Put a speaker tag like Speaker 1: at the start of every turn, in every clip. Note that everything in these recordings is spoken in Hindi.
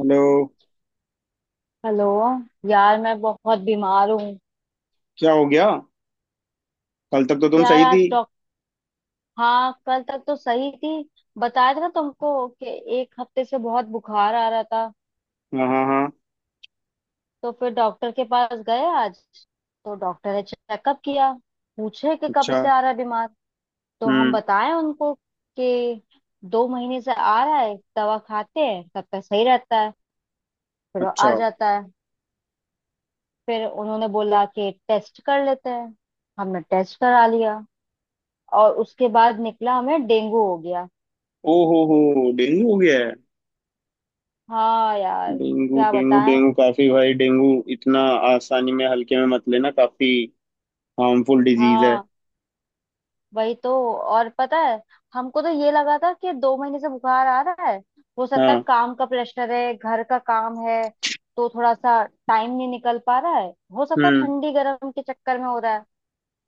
Speaker 1: हेलो।
Speaker 2: हेलो। यार, मैं बहुत बीमार हूँ।
Speaker 1: क्या हो गया? कल तक तो तुम
Speaker 2: यार,
Speaker 1: सही थी।
Speaker 2: आज डॉक्टर। हाँ, कल तक तो सही थी। बताया था ना तुमको कि एक हफ्ते से बहुत बुखार आ रहा था।
Speaker 1: हाँ, हाँ, हाँ।
Speaker 2: तो फिर डॉक्टर के पास गए आज। तो डॉक्टर ने चेकअप किया, पूछे कि कब
Speaker 1: अच्छा।
Speaker 2: से आ रहा है बीमार। तो हम
Speaker 1: हम्म।
Speaker 2: बताएं उनको कि 2 महीने से आ रहा है, दवा खाते हैं तब तक सही रहता है, फिर वो
Speaker 1: अच्छा।
Speaker 2: आ जाता है। फिर उन्होंने बोला कि टेस्ट कर लेते हैं। हमने टेस्ट करा लिया, और उसके बाद निकला हमें डेंगू हो गया।
Speaker 1: ओ हो, डेंगू हो गया है?
Speaker 2: हाँ यार,
Speaker 1: डेंगू,
Speaker 2: क्या
Speaker 1: डेंगू,
Speaker 2: बताएं।
Speaker 1: डेंगू काफी भाई डेंगू। इतना आसानी में हल्के में मत लेना, काफी हार्मफुल डिजीज है।
Speaker 2: हाँ, वही तो। और पता है, हमको तो ये लगा था कि 2 महीने से बुखार आ रहा है, हो सकता है
Speaker 1: हाँ।
Speaker 2: काम का प्रेशर है, घर का काम है, तो थोड़ा सा टाइम नहीं निकल पा रहा है। हो सकता है
Speaker 1: हम्म
Speaker 2: ठंडी गर्म के चक्कर में हो रहा है।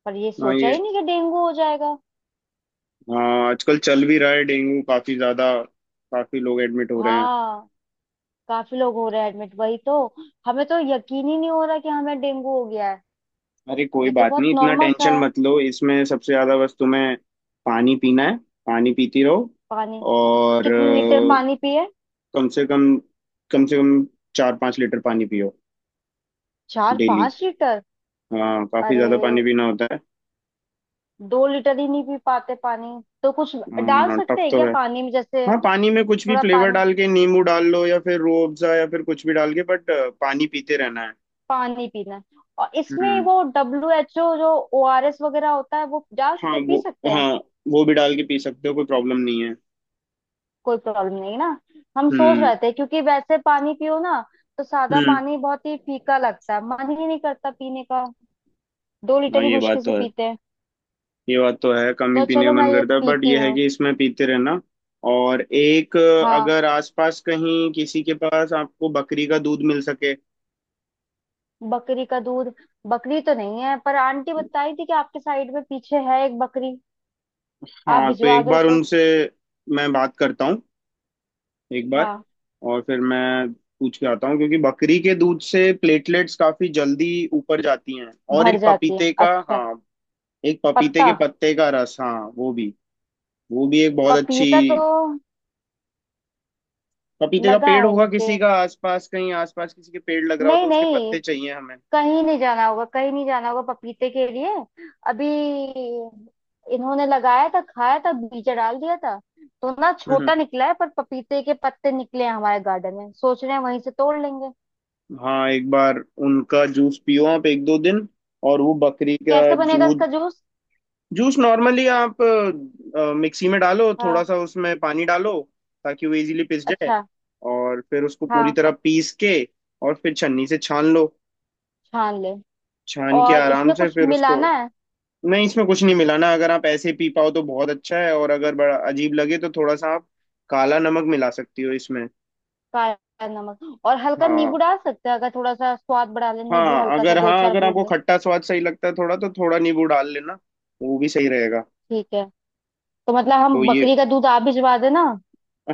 Speaker 2: पर ये
Speaker 1: हाँ
Speaker 2: सोचा
Speaker 1: ये।
Speaker 2: ही नहीं कि डेंगू हो जाएगा।
Speaker 1: हाँ, आजकल चल भी रहा है डेंगू काफी ज्यादा, काफी लोग एडमिट हो रहे हैं।
Speaker 2: हाँ, काफी लोग हो रहे हैं एडमिट, वही तो। हमें तो यकीन ही नहीं हो रहा कि हमें डेंगू हो गया है।
Speaker 1: अरे कोई
Speaker 2: ये तो
Speaker 1: बात
Speaker 2: बहुत
Speaker 1: नहीं, इतना
Speaker 2: नॉर्मल सा
Speaker 1: टेंशन
Speaker 2: है।
Speaker 1: मत लो, इसमें सबसे ज्यादा बस तुम्हें पानी पीना है, पानी पीती
Speaker 2: पानी।
Speaker 1: रहो। और
Speaker 2: कितने लीटर पानी पिए?
Speaker 1: कम से कम कम से कम 4-5 लीटर पानी पियो
Speaker 2: चार
Speaker 1: डेली।
Speaker 2: पांच लीटर
Speaker 1: हाँ, काफी
Speaker 2: अरे,
Speaker 1: ज्यादा पानी पीना होता है।
Speaker 2: 2 लीटर ही नहीं पी पाते पानी। तो कुछ डाल सकते
Speaker 1: टफ
Speaker 2: हैं
Speaker 1: तो
Speaker 2: क्या
Speaker 1: है।
Speaker 2: पानी में, जैसे?
Speaker 1: हाँ, पानी में कुछ भी
Speaker 2: थोड़ा
Speaker 1: फ्लेवर
Speaker 2: पानी।
Speaker 1: डाल के, नींबू डाल लो या फिर रूह अफ़ज़ा या फिर कुछ भी डाल के, बट पानी पीते रहना है।
Speaker 2: पानी पीना है। और इसमें
Speaker 1: हम्म।
Speaker 2: वो WHO जो ORS वगैरह होता है, वो डाल
Speaker 1: हाँ
Speaker 2: के
Speaker 1: वो।
Speaker 2: पी सकते हैं?
Speaker 1: हाँ, वो भी डाल के पी सकते हो, कोई प्रॉब्लम नहीं है।
Speaker 2: कोई प्रॉब्लम नहीं ना? हम सोच
Speaker 1: हम्म।
Speaker 2: रहे थे क्योंकि वैसे पानी पियो ना, तो सादा
Speaker 1: हम्म।
Speaker 2: पानी बहुत ही फीका लगता है, मन ही नहीं करता पीने का। 2 लीटर
Speaker 1: हाँ,
Speaker 2: ही
Speaker 1: ये बात
Speaker 2: मुश्किल से
Speaker 1: तो है।
Speaker 2: पीते हैं।
Speaker 1: ये बात तो है, कम ही
Speaker 2: तो
Speaker 1: पीने का
Speaker 2: चलो, मैं
Speaker 1: मन
Speaker 2: ये
Speaker 1: करता है, बट
Speaker 2: पीती
Speaker 1: ये है
Speaker 2: हूँ।
Speaker 1: कि इसमें पीते रहना। और एक
Speaker 2: हाँ।
Speaker 1: अगर आसपास कहीं किसी के पास आपको बकरी का दूध मिल सके।
Speaker 2: बकरी का दूध। बकरी तो नहीं है, पर आंटी बताई थी कि आपके साइड में पीछे है एक बकरी। आप
Speaker 1: हाँ, तो
Speaker 2: भिजवा
Speaker 1: एक
Speaker 2: दो
Speaker 1: बार
Speaker 2: तो।
Speaker 1: उनसे मैं बात करता हूँ एक बार,
Speaker 2: हाँ।
Speaker 1: और फिर मैं पूछ के आता हूँ, क्योंकि बकरी के दूध से प्लेटलेट्स काफी जल्दी ऊपर जाती हैं। और
Speaker 2: भर
Speaker 1: एक
Speaker 2: जाती है?
Speaker 1: पपीते का,
Speaker 2: अच्छा।
Speaker 1: हाँ, एक पपीते
Speaker 2: पत्ता।
Speaker 1: के पत्ते का रस, हाँ, वो भी, वो भी एक बहुत अच्छी।
Speaker 2: पपीता तो
Speaker 1: पपीते का
Speaker 2: लगा
Speaker 1: पेड़
Speaker 2: है
Speaker 1: होगा
Speaker 2: नीचे।
Speaker 1: किसी का आसपास, कहीं आसपास किसी के पेड़ लग रहा हो
Speaker 2: नहीं
Speaker 1: तो उसके
Speaker 2: नहीं,
Speaker 1: पत्ते चाहिए हमें।
Speaker 2: कहीं नहीं जाना होगा, कहीं नहीं जाना होगा पपीते के लिए। अभी इन्होंने लगाया था, खाया था बीज डाल दिया था, तो ना
Speaker 1: हम्म।
Speaker 2: छोटा निकला है, पर पपीते के पत्ते निकले हैं हमारे गार्डन में, सोच रहे हैं वहीं से तोड़ लेंगे।
Speaker 1: हाँ, एक बार उनका जूस पियो आप 1-2 दिन, और वो बकरी का
Speaker 2: कैसे बनेगा
Speaker 1: दूध।
Speaker 2: इसका जूस?
Speaker 1: जूस नॉर्मली आप मिक्सी में डालो, थोड़ा
Speaker 2: हाँ।
Speaker 1: सा उसमें पानी डालो ताकि वो इजीली पिस जाए,
Speaker 2: अच्छा।
Speaker 1: और फिर उसको पूरी
Speaker 2: हाँ।
Speaker 1: तरह पीस के, और फिर छन्नी से छान लो।
Speaker 2: छान ले।
Speaker 1: छान के
Speaker 2: और
Speaker 1: आराम
Speaker 2: इसमें
Speaker 1: से
Speaker 2: कुछ
Speaker 1: फिर उसको।
Speaker 2: मिलाना है?
Speaker 1: नहीं, इसमें कुछ नहीं मिलाना, अगर आप ऐसे पी पाओ तो बहुत अच्छा है, और अगर बड़ा अजीब लगे तो थोड़ा सा आप काला नमक मिला सकती हो इसमें।
Speaker 2: काला नमक और हल्का नींबू
Speaker 1: हाँ।
Speaker 2: डाल सकते हैं, अगर थोड़ा सा स्वाद बढ़ा ले, नींबू
Speaker 1: हाँ
Speaker 2: हल्का सा
Speaker 1: अगर,
Speaker 2: दो
Speaker 1: हाँ
Speaker 2: चार
Speaker 1: अगर आपको
Speaker 2: बूंद
Speaker 1: खट्टा स्वाद सही लगता है थोड़ा, तो थोड़ा नींबू डाल लेना, वो भी सही रहेगा।
Speaker 2: ठीक है। तो मतलब हम,
Speaker 1: तो ये,
Speaker 2: बकरी का दूध आप भिजवा देना,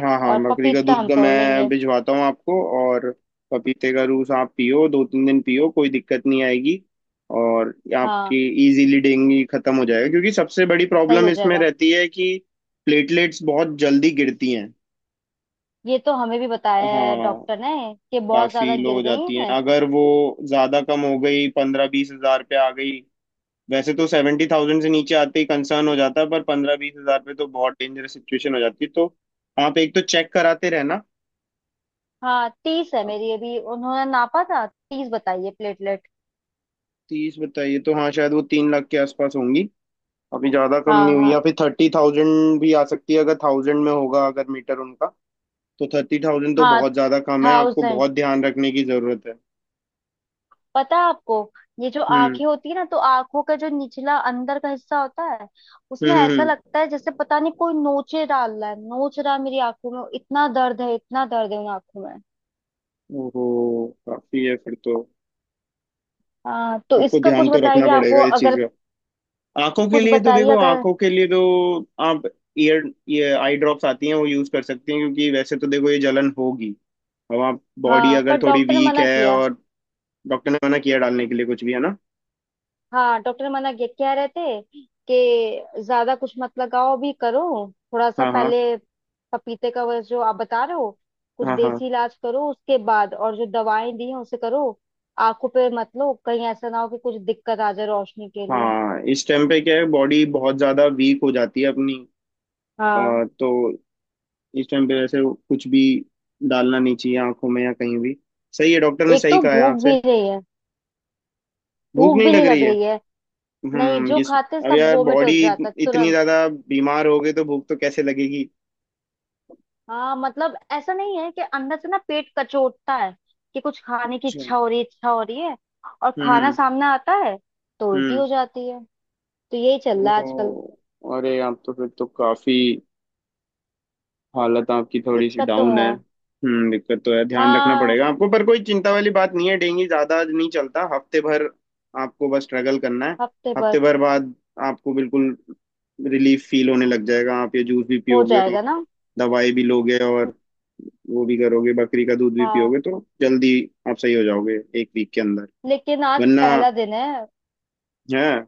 Speaker 1: हाँ हाँ,
Speaker 2: और
Speaker 1: बकरी का
Speaker 2: पपीता
Speaker 1: दूध
Speaker 2: हम
Speaker 1: का
Speaker 2: तोड़
Speaker 1: मैं
Speaker 2: लेंगे।
Speaker 1: भिजवाता हूँ आपको। और पपीते का जूस आप पियो 2-3 दिन पियो, कोई दिक्कत नहीं आएगी। और ये आपकी
Speaker 2: हाँ।
Speaker 1: इजीली डेंगू खत्म हो जाएगा, क्योंकि सबसे बड़ी
Speaker 2: सही
Speaker 1: प्रॉब्लम
Speaker 2: हो
Speaker 1: इसमें
Speaker 2: जाएगा।
Speaker 1: रहती है कि प्लेटलेट्स बहुत जल्दी गिरती हैं।
Speaker 2: ये तो हमें भी बताया है
Speaker 1: हाँ,
Speaker 2: डॉक्टर ने, कि बहुत
Speaker 1: काफी
Speaker 2: ज्यादा
Speaker 1: लो
Speaker 2: गिर
Speaker 1: हो
Speaker 2: गई
Speaker 1: जाती हैं,
Speaker 2: है।
Speaker 1: अगर वो ज्यादा कम हो गई, 15-20 हजार पे आ गई। वैसे तो सेवेंटी थाउजेंड से नीचे आते ही कंसर्न हो जाता है, पर पंद्रह बीस हजार पे तो बहुत डेंजरस सिचुएशन हो जाती है, तो आप एक तो चेक कराते रहना।
Speaker 2: हाँ, 30 है मेरी, अभी उन्होंने नापा था, 30 बताइए प्लेटलेट।
Speaker 1: तीस बताइए, तो हाँ शायद वो 3 लाख के आसपास होंगी, अभी ज्यादा कम
Speaker 2: हाँ
Speaker 1: नहीं हुई, या
Speaker 2: हाँ
Speaker 1: फिर थर्टी थाउजेंड भी आ सकती है अगर थाउजेंड में होगा, अगर मीटर उनका। तो थर्टी थाउजेंड तो
Speaker 2: हाँ।
Speaker 1: बहुत ज्यादा कम है, आपको
Speaker 2: थाउजेंड।
Speaker 1: बहुत ध्यान रखने की जरूरत है।
Speaker 2: पता है आपको, ये जो
Speaker 1: हम्म।
Speaker 2: आंखें होती है ना, तो आंखों का जो निचला अंदर का हिस्सा होता है,
Speaker 1: हम्म।
Speaker 2: उसमें ऐसा लगता है जैसे पता नहीं कोई नोचे डाल रहा है, नोच रहा है मेरी आंखों में, इतना दर्द है, इतना दर्द है उन आंखों में।
Speaker 1: ओहो, काफी है फिर तो।
Speaker 2: हाँ, तो
Speaker 1: आपको
Speaker 2: इसका
Speaker 1: ध्यान
Speaker 2: कुछ
Speaker 1: तो रखना
Speaker 2: बताइए आपको
Speaker 1: पड़ेगा इस चीज
Speaker 2: अगर।
Speaker 1: का। आंखों के
Speaker 2: कुछ
Speaker 1: लिए तो
Speaker 2: बताइए
Speaker 1: देखो,
Speaker 2: अगर।
Speaker 1: आंखों के लिए तो आप ईयर ये आई ड्रॉप्स आती हैं, वो यूज कर सकती हैं, क्योंकि वैसे तो देखो ये जलन होगी। अब आप, बॉडी
Speaker 2: हाँ, पर
Speaker 1: अगर थोड़ी
Speaker 2: डॉक्टर ने
Speaker 1: वीक
Speaker 2: मना
Speaker 1: है
Speaker 2: किया।
Speaker 1: और। डॉक्टर ने मना किया डालने के लिए कुछ भी है ना?
Speaker 2: हाँ, डॉक्टर मना किए, कह रहे थे कि ज्यादा कुछ मत लगाओ भी करो, थोड़ा सा
Speaker 1: हाँ, हाँ।
Speaker 2: पहले पपीते का वो जो आप बता रहे हो, कुछ
Speaker 1: हाँ, हाँ।
Speaker 2: देसी इलाज करो, उसके बाद और जो दवाएं दी हैं उसे करो। आंखों पे मत लो, कहीं ऐसा ना हो कि कुछ दिक्कत आ जाए रोशनी के लिए।
Speaker 1: हाँ, इस टाइम पे क्या है, बॉडी बहुत ज्यादा वीक हो जाती है अपनी। अ,
Speaker 2: हाँ।
Speaker 1: तो इस टाइम पे वैसे कुछ भी डालना नहीं चाहिए आंखों में या कहीं भी। सही है, डॉक्टर ने
Speaker 2: एक
Speaker 1: सही
Speaker 2: तो
Speaker 1: कहा है
Speaker 2: भूख
Speaker 1: आपसे।
Speaker 2: भी नहीं है।
Speaker 1: भूख
Speaker 2: भूख
Speaker 1: नहीं
Speaker 2: भी नहीं
Speaker 1: लग रही
Speaker 2: लग
Speaker 1: है?
Speaker 2: रही है। नहीं, जो
Speaker 1: ये,
Speaker 2: खाते
Speaker 1: अब
Speaker 2: सब
Speaker 1: यार
Speaker 2: वोमिट हो
Speaker 1: बॉडी
Speaker 2: जाता है
Speaker 1: इतनी
Speaker 2: तुरंत।
Speaker 1: ज्यादा बीमार हो गई तो भूख तो कैसे लगेगी।
Speaker 2: हाँ, मतलब ऐसा नहीं है कि अंदर से ना पेट कचोटता है कि कुछ खाने की
Speaker 1: अच्छा।
Speaker 2: इच्छा हो रही है, इच्छा हो रही है, और खाना
Speaker 1: हम्म।
Speaker 2: सामने आता है तो उल्टी
Speaker 1: हम्म।
Speaker 2: हो जाती है। तो यही चल रहा है आजकल।
Speaker 1: ओहो, अरे आप तो फिर तो काफी, हालत आपकी थोड़ी सी
Speaker 2: दिक्कत तो
Speaker 1: डाउन
Speaker 2: है।
Speaker 1: है। हम्म, दिक्कत तो है, ध्यान रखना
Speaker 2: हाँ।
Speaker 1: पड़ेगा आपको, पर कोई चिंता वाली बात नहीं है, डेंगू ज्यादा नहीं चलता, हफ्ते भर आपको बस स्ट्रगल करना है,
Speaker 2: हफ्ते भर।
Speaker 1: हफ्ते भर बाद आपको बिल्कुल रिलीफ फील होने लग जाएगा। आप ये जूस भी
Speaker 2: हो
Speaker 1: पियोगे, और
Speaker 2: जाएगा ना?
Speaker 1: दवाई भी लोगे, और वो भी करोगे, बकरी का दूध भी
Speaker 2: हाँ।
Speaker 1: पियोगे, तो जल्दी आप सही हो जाओगे 1 वीक के अंदर।
Speaker 2: लेकिन आज
Speaker 1: वरना
Speaker 2: पहला दिन है।
Speaker 1: है,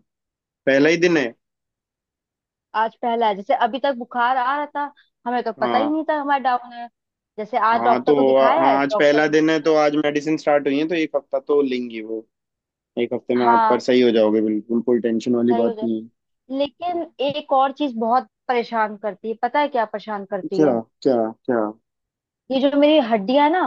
Speaker 1: पहला ही दिन है।
Speaker 2: आज पहला है, जैसे अभी तक बुखार आ रहा था हमें तो पता ही
Speaker 1: हाँ
Speaker 2: नहीं था हमारा डाउन है। जैसे आज
Speaker 1: हाँ, तो
Speaker 2: डॉक्टर को दिखाया
Speaker 1: हाँ,
Speaker 2: है,
Speaker 1: आज
Speaker 2: डॉक्टर
Speaker 1: पहला
Speaker 2: ने
Speaker 1: दिन है, तो
Speaker 2: बताया।
Speaker 1: आज मेडिसिन स्टार्ट हुई है तो 1 हफ्ता तो लेंगी वो, एक हफ्ते में आप पर
Speaker 2: हाँ,
Speaker 1: सही हो जाओगे, बिल्कुल कोई टेंशन वाली
Speaker 2: सही हो
Speaker 1: बात
Speaker 2: जाए।
Speaker 1: नहीं है।
Speaker 2: लेकिन एक और चीज बहुत परेशान करती है, पता है क्या परेशान करती है?
Speaker 1: क्या क्या? क्या?
Speaker 2: ये जो मेरी हड्डियां है ना,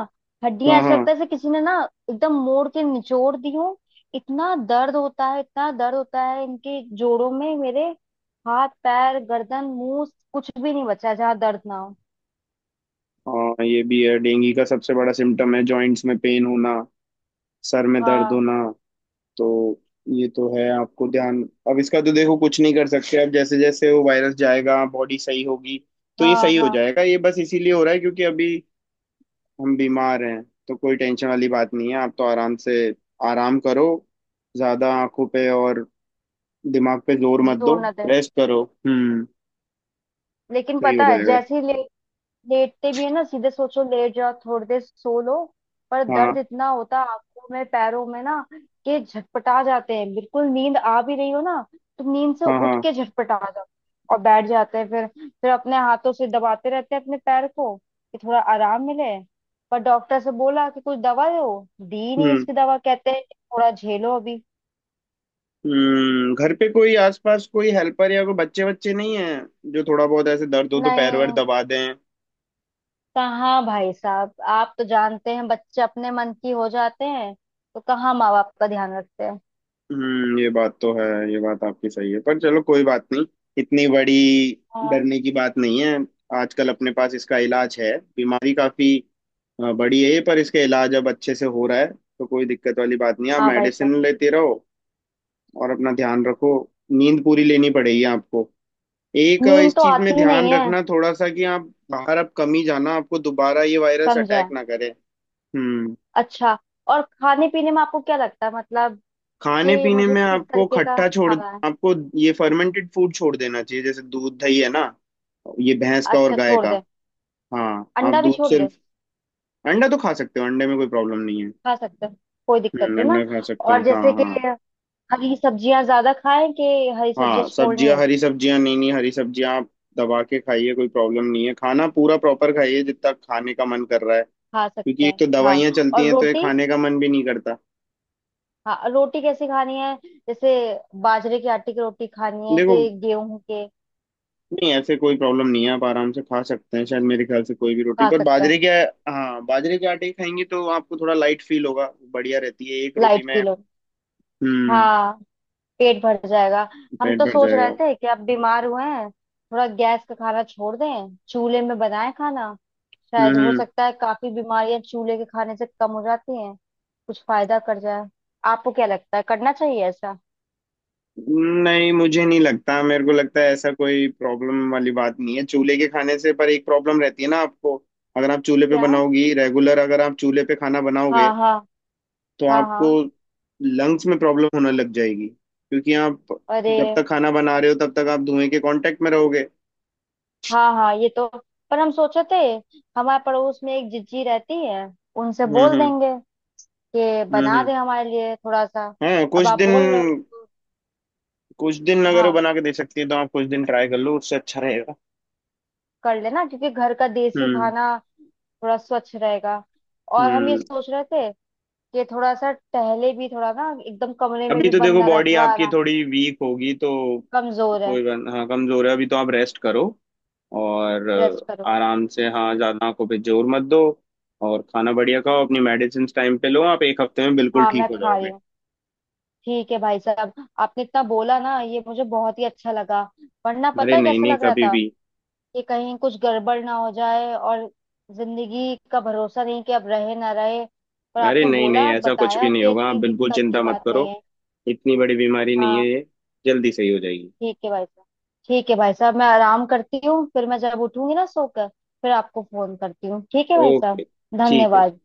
Speaker 2: हड्डियां,
Speaker 1: हाँ,
Speaker 2: ऐसा
Speaker 1: हाँ,
Speaker 2: लगता है जैसे किसी ने ना एकदम मोड़ के निचोड़ दी हो, इतना दर्द होता है, इतना दर्द होता है इनके जोड़ों में मेरे, हाथ पैर गर्दन मुंह, कुछ भी नहीं बचा है जहाँ दर्द ना हो।
Speaker 1: हाँ, ये भी है, डेंगू का सबसे बड़ा सिम्टम है जॉइंट्स में पेन होना, सर में दर्द
Speaker 2: हाँ
Speaker 1: होना। तो ये तो है आपको ध्यान, अब इसका तो देखो कुछ नहीं कर सकते, अब जैसे जैसे वो वायरस जाएगा बॉडी सही होगी, तो ये
Speaker 2: हाँ
Speaker 1: सही हो
Speaker 2: हाँ।
Speaker 1: जाएगा, ये बस इसीलिए हो रहा है क्योंकि अभी हम बीमार हैं। तो कोई टेंशन वाली बात नहीं है, आप तो आराम से आराम करो, ज्यादा आंखों पे और दिमाग पे जोर मत
Speaker 2: जोर
Speaker 1: दो,
Speaker 2: ना दे।
Speaker 1: रेस्ट करो। हम्म,
Speaker 2: लेकिन
Speaker 1: सही हो
Speaker 2: पता है
Speaker 1: जाएगा।
Speaker 2: जैसे ही ले, लेटते भी है ना, सीधे सोचो लेट जाओ थोड़ी देर सो लो, पर
Speaker 1: हाँ,
Speaker 2: दर्द इतना होता है आंखों में, पैरों में ना, कि झटपटा जाते हैं, बिल्कुल नींद आ भी रही हो ना, तुम नींद से
Speaker 1: हाँ, हाँ।
Speaker 2: उठ के झटपटा जाओ। और बैठ जाते हैं फिर अपने हाथों से दबाते रहते हैं अपने पैर को कि थोड़ा आराम मिले। पर डॉक्टर से बोला कि कुछ दवा दो, दी नहीं
Speaker 1: हम्म
Speaker 2: इसकी दवा, कहते हैं कि थोड़ा झेलो अभी।
Speaker 1: हम्म, घर पे कोई आसपास कोई हेल्पर या कोई बच्चे बच्चे नहीं है जो थोड़ा बहुत ऐसे दर्द हो तो पैर वैर
Speaker 2: नहीं।
Speaker 1: दबा दें?
Speaker 2: कहाँ भाई साहब, आप तो जानते हैं बच्चे अपने मन की हो जाते हैं, तो कहाँ माँ बाप का ध्यान रखते
Speaker 1: हम्म, ये बात तो है, ये बात आपकी सही है, पर चलो कोई बात नहीं, इतनी बड़ी
Speaker 2: हैं।
Speaker 1: डरने की बात नहीं है। आजकल अपने पास इसका इलाज है, बीमारी काफी बड़ी है ये, पर इसका इलाज अब अच्छे से हो रहा है, तो कोई दिक्कत वाली बात नहीं है, आप
Speaker 2: हाँ भाई साहब।
Speaker 1: मेडिसिन लेते रहो और अपना ध्यान रखो। नींद पूरी लेनी पड़ेगी आपको। एक
Speaker 2: नींद
Speaker 1: इस
Speaker 2: तो
Speaker 1: चीज में
Speaker 2: आती ही
Speaker 1: ध्यान
Speaker 2: नहीं है।
Speaker 1: रखना थोड़ा सा कि आप बाहर अब कम ही जाना, आपको दोबारा ये वायरस
Speaker 2: समझा
Speaker 1: अटैक
Speaker 2: है।
Speaker 1: ना करे। हम्म।
Speaker 2: अच्छा। और खाने पीने में आपको क्या लगता है, मतलब
Speaker 1: खाने
Speaker 2: कि
Speaker 1: पीने
Speaker 2: मुझे
Speaker 1: में
Speaker 2: किस
Speaker 1: आपको
Speaker 2: तरीके का
Speaker 1: खट्टा छोड़,
Speaker 2: खाना है?
Speaker 1: आपको ये फर्मेंटेड फूड छोड़ देना चाहिए, जैसे दूध दही है ना, ये भैंस का और
Speaker 2: अच्छा,
Speaker 1: गाय
Speaker 2: छोड़
Speaker 1: का।
Speaker 2: दे।
Speaker 1: हाँ, आप
Speaker 2: अंडा भी
Speaker 1: दूध
Speaker 2: छोड़ दे?
Speaker 1: सिर्फ। अंडा तो खा सकते हो, अंडे में कोई प्रॉब्लम नहीं है।
Speaker 2: खा सकते हैं। कोई दिक्कत
Speaker 1: हम्म,
Speaker 2: नहीं
Speaker 1: अंडा
Speaker 2: ना?
Speaker 1: खा सकते हैं,
Speaker 2: और
Speaker 1: हाँ
Speaker 2: जैसे कि
Speaker 1: हाँ।
Speaker 2: हरी सब्जियां ज्यादा खाएं कि हरी सब्जियां
Speaker 1: हाँ,
Speaker 2: छोड़नी
Speaker 1: सब्जियां,
Speaker 2: है?
Speaker 1: हरी सब्जियां नहीं नहीं, हरी सब्जियां आप दबा के खाइए, कोई प्रॉब्लम नहीं है, खाना पूरा प्रॉपर खाइए, जितना खाने का मन कर रहा है,
Speaker 2: खा सकते
Speaker 1: क्योंकि एक
Speaker 2: हैं
Speaker 1: तो दवाइयाँ
Speaker 2: हाँ।
Speaker 1: चलती
Speaker 2: और
Speaker 1: हैं तो ये
Speaker 2: रोटी।
Speaker 1: खाने का मन भी नहीं करता।
Speaker 2: हाँ, रोटी कैसी खानी है? जैसे बाजरे के आटे की रोटी खानी है
Speaker 1: देखो,
Speaker 2: कि गेहूं के?
Speaker 1: नहीं ऐसे कोई प्रॉब्लम नहीं है, आप आराम से खा सकते हैं, शायद मेरे ख्याल से कोई भी रोटी,
Speaker 2: खा
Speaker 1: पर
Speaker 2: सकते
Speaker 1: बाजरे के,
Speaker 2: हैं।
Speaker 1: हाँ बाजरे के आटे की खाएंगे तो आपको थोड़ा लाइट फील होगा, बढ़िया रहती है एक रोटी
Speaker 2: लाइट
Speaker 1: में।
Speaker 2: किलो।
Speaker 1: हम्म,
Speaker 2: हाँ। पेट भर जाएगा। हम
Speaker 1: पेट
Speaker 2: तो
Speaker 1: भर
Speaker 2: सोच रहे
Speaker 1: जाएगा।
Speaker 2: थे कि आप बीमार हुए हैं, थोड़ा गैस का खाना छोड़ दें, चूल्हे में बनाएं खाना, शायद हो
Speaker 1: हम्म,
Speaker 2: सकता है काफी बीमारियां चूल्हे के खाने से कम हो जाती हैं, कुछ फायदा कर जाए। आपको क्या लगता है, करना चाहिए ऐसा?
Speaker 1: नहीं मुझे नहीं लगता, मेरे को लगता है ऐसा कोई प्रॉब्लम वाली बात नहीं है चूल्हे के खाने से, पर एक प्रॉब्लम रहती है ना आपको, अगर आप चूल्हे पे
Speaker 2: क्या?
Speaker 1: बनाओगी रेगुलर, अगर आप चूल्हे पे खाना बनाओगे
Speaker 2: हाँ हाँ।
Speaker 1: तो
Speaker 2: हाँ
Speaker 1: आपको
Speaker 2: हाँ।
Speaker 1: लंग्स में प्रॉब्लम होने लग जाएगी, क्योंकि आप
Speaker 2: अरे।
Speaker 1: जब तक खाना बना रहे हो तब तक आप धुएं के कांटेक्ट में रहोगे।
Speaker 2: हाँ हाँ, ये तो। पर हम सोचे थे, हमारे पड़ोस में एक जिज्जी रहती है, उनसे
Speaker 1: हम्म।
Speaker 2: बोल
Speaker 1: हम्म।
Speaker 2: देंगे कि
Speaker 1: हम्म।
Speaker 2: बना
Speaker 1: हम्म।
Speaker 2: दे हमारे लिए थोड़ा सा।
Speaker 1: हाँ,
Speaker 2: अब
Speaker 1: कुछ
Speaker 2: आप
Speaker 1: दिन,
Speaker 2: बोल रहे हो
Speaker 1: कुछ दिन अगर वो
Speaker 2: हाँ,
Speaker 1: बना के दे सकती है तो आप कुछ दिन ट्राई कर लो, उससे अच्छा रहेगा।
Speaker 2: कर लेना क्योंकि घर का देसी
Speaker 1: हम्म।
Speaker 2: खाना थोड़ा स्वच्छ रहेगा। और हम ये
Speaker 1: हम्म।
Speaker 2: सोच रहे थे कि थोड़ा सा टहले भी थोड़ा, ना एकदम कमरे में
Speaker 1: अभी
Speaker 2: भी
Speaker 1: तो
Speaker 2: बंद
Speaker 1: देखो
Speaker 2: ना रहे,
Speaker 1: बॉडी
Speaker 2: थोड़ा
Speaker 1: आपकी
Speaker 2: ना।
Speaker 1: थोड़ी वीक होगी तो,
Speaker 2: कमजोर है।
Speaker 1: कोई बात, हाँ कमजोर है, अभी तो आप रेस्ट करो, और
Speaker 2: रेस्ट करो।
Speaker 1: आराम से, हाँ ज्यादा आंखों पे जोर मत दो, और खाना बढ़िया खाओ, अपनी मेडिसिन टाइम पे लो, आप 1 हफ्ते में बिल्कुल
Speaker 2: हाँ,
Speaker 1: ठीक
Speaker 2: मैं
Speaker 1: हो
Speaker 2: खा रही
Speaker 1: जाओगे।
Speaker 2: हूँ। ठीक है भाई साहब। आपने इतना बोला ना, ये मुझे बहुत ही अच्छा लगा। वरना
Speaker 1: अरे
Speaker 2: पता है
Speaker 1: नहीं
Speaker 2: कैसा
Speaker 1: नहीं,
Speaker 2: लग रहा
Speaker 1: कभी
Speaker 2: था,
Speaker 1: भी।
Speaker 2: कि कहीं कुछ गड़बड़ ना हो जाए, और जिंदगी का भरोसा नहीं कि अब रहे ना रहे, पर
Speaker 1: अरे
Speaker 2: आपने
Speaker 1: नहीं नहीं,
Speaker 2: बोला
Speaker 1: ऐसा कुछ भी
Speaker 2: बताया
Speaker 1: नहीं
Speaker 2: कि
Speaker 1: होगा, आप
Speaker 2: इतनी
Speaker 1: बिल्कुल
Speaker 2: दिक्कत की
Speaker 1: चिंता मत
Speaker 2: बात
Speaker 1: करो,
Speaker 2: नहीं है।
Speaker 1: इतनी बड़ी बीमारी नहीं है
Speaker 2: हाँ।
Speaker 1: ये, जल्दी सही हो जाएगी।
Speaker 2: ठीक है भाई साहब। ठीक है भाई साहब, मैं आराम करती हूँ, फिर मैं जब उठूंगी ना सोकर फिर आपको फोन करती हूँ। ठीक है भाई
Speaker 1: ओके,
Speaker 2: साहब।
Speaker 1: ठीक है।
Speaker 2: धन्यवाद।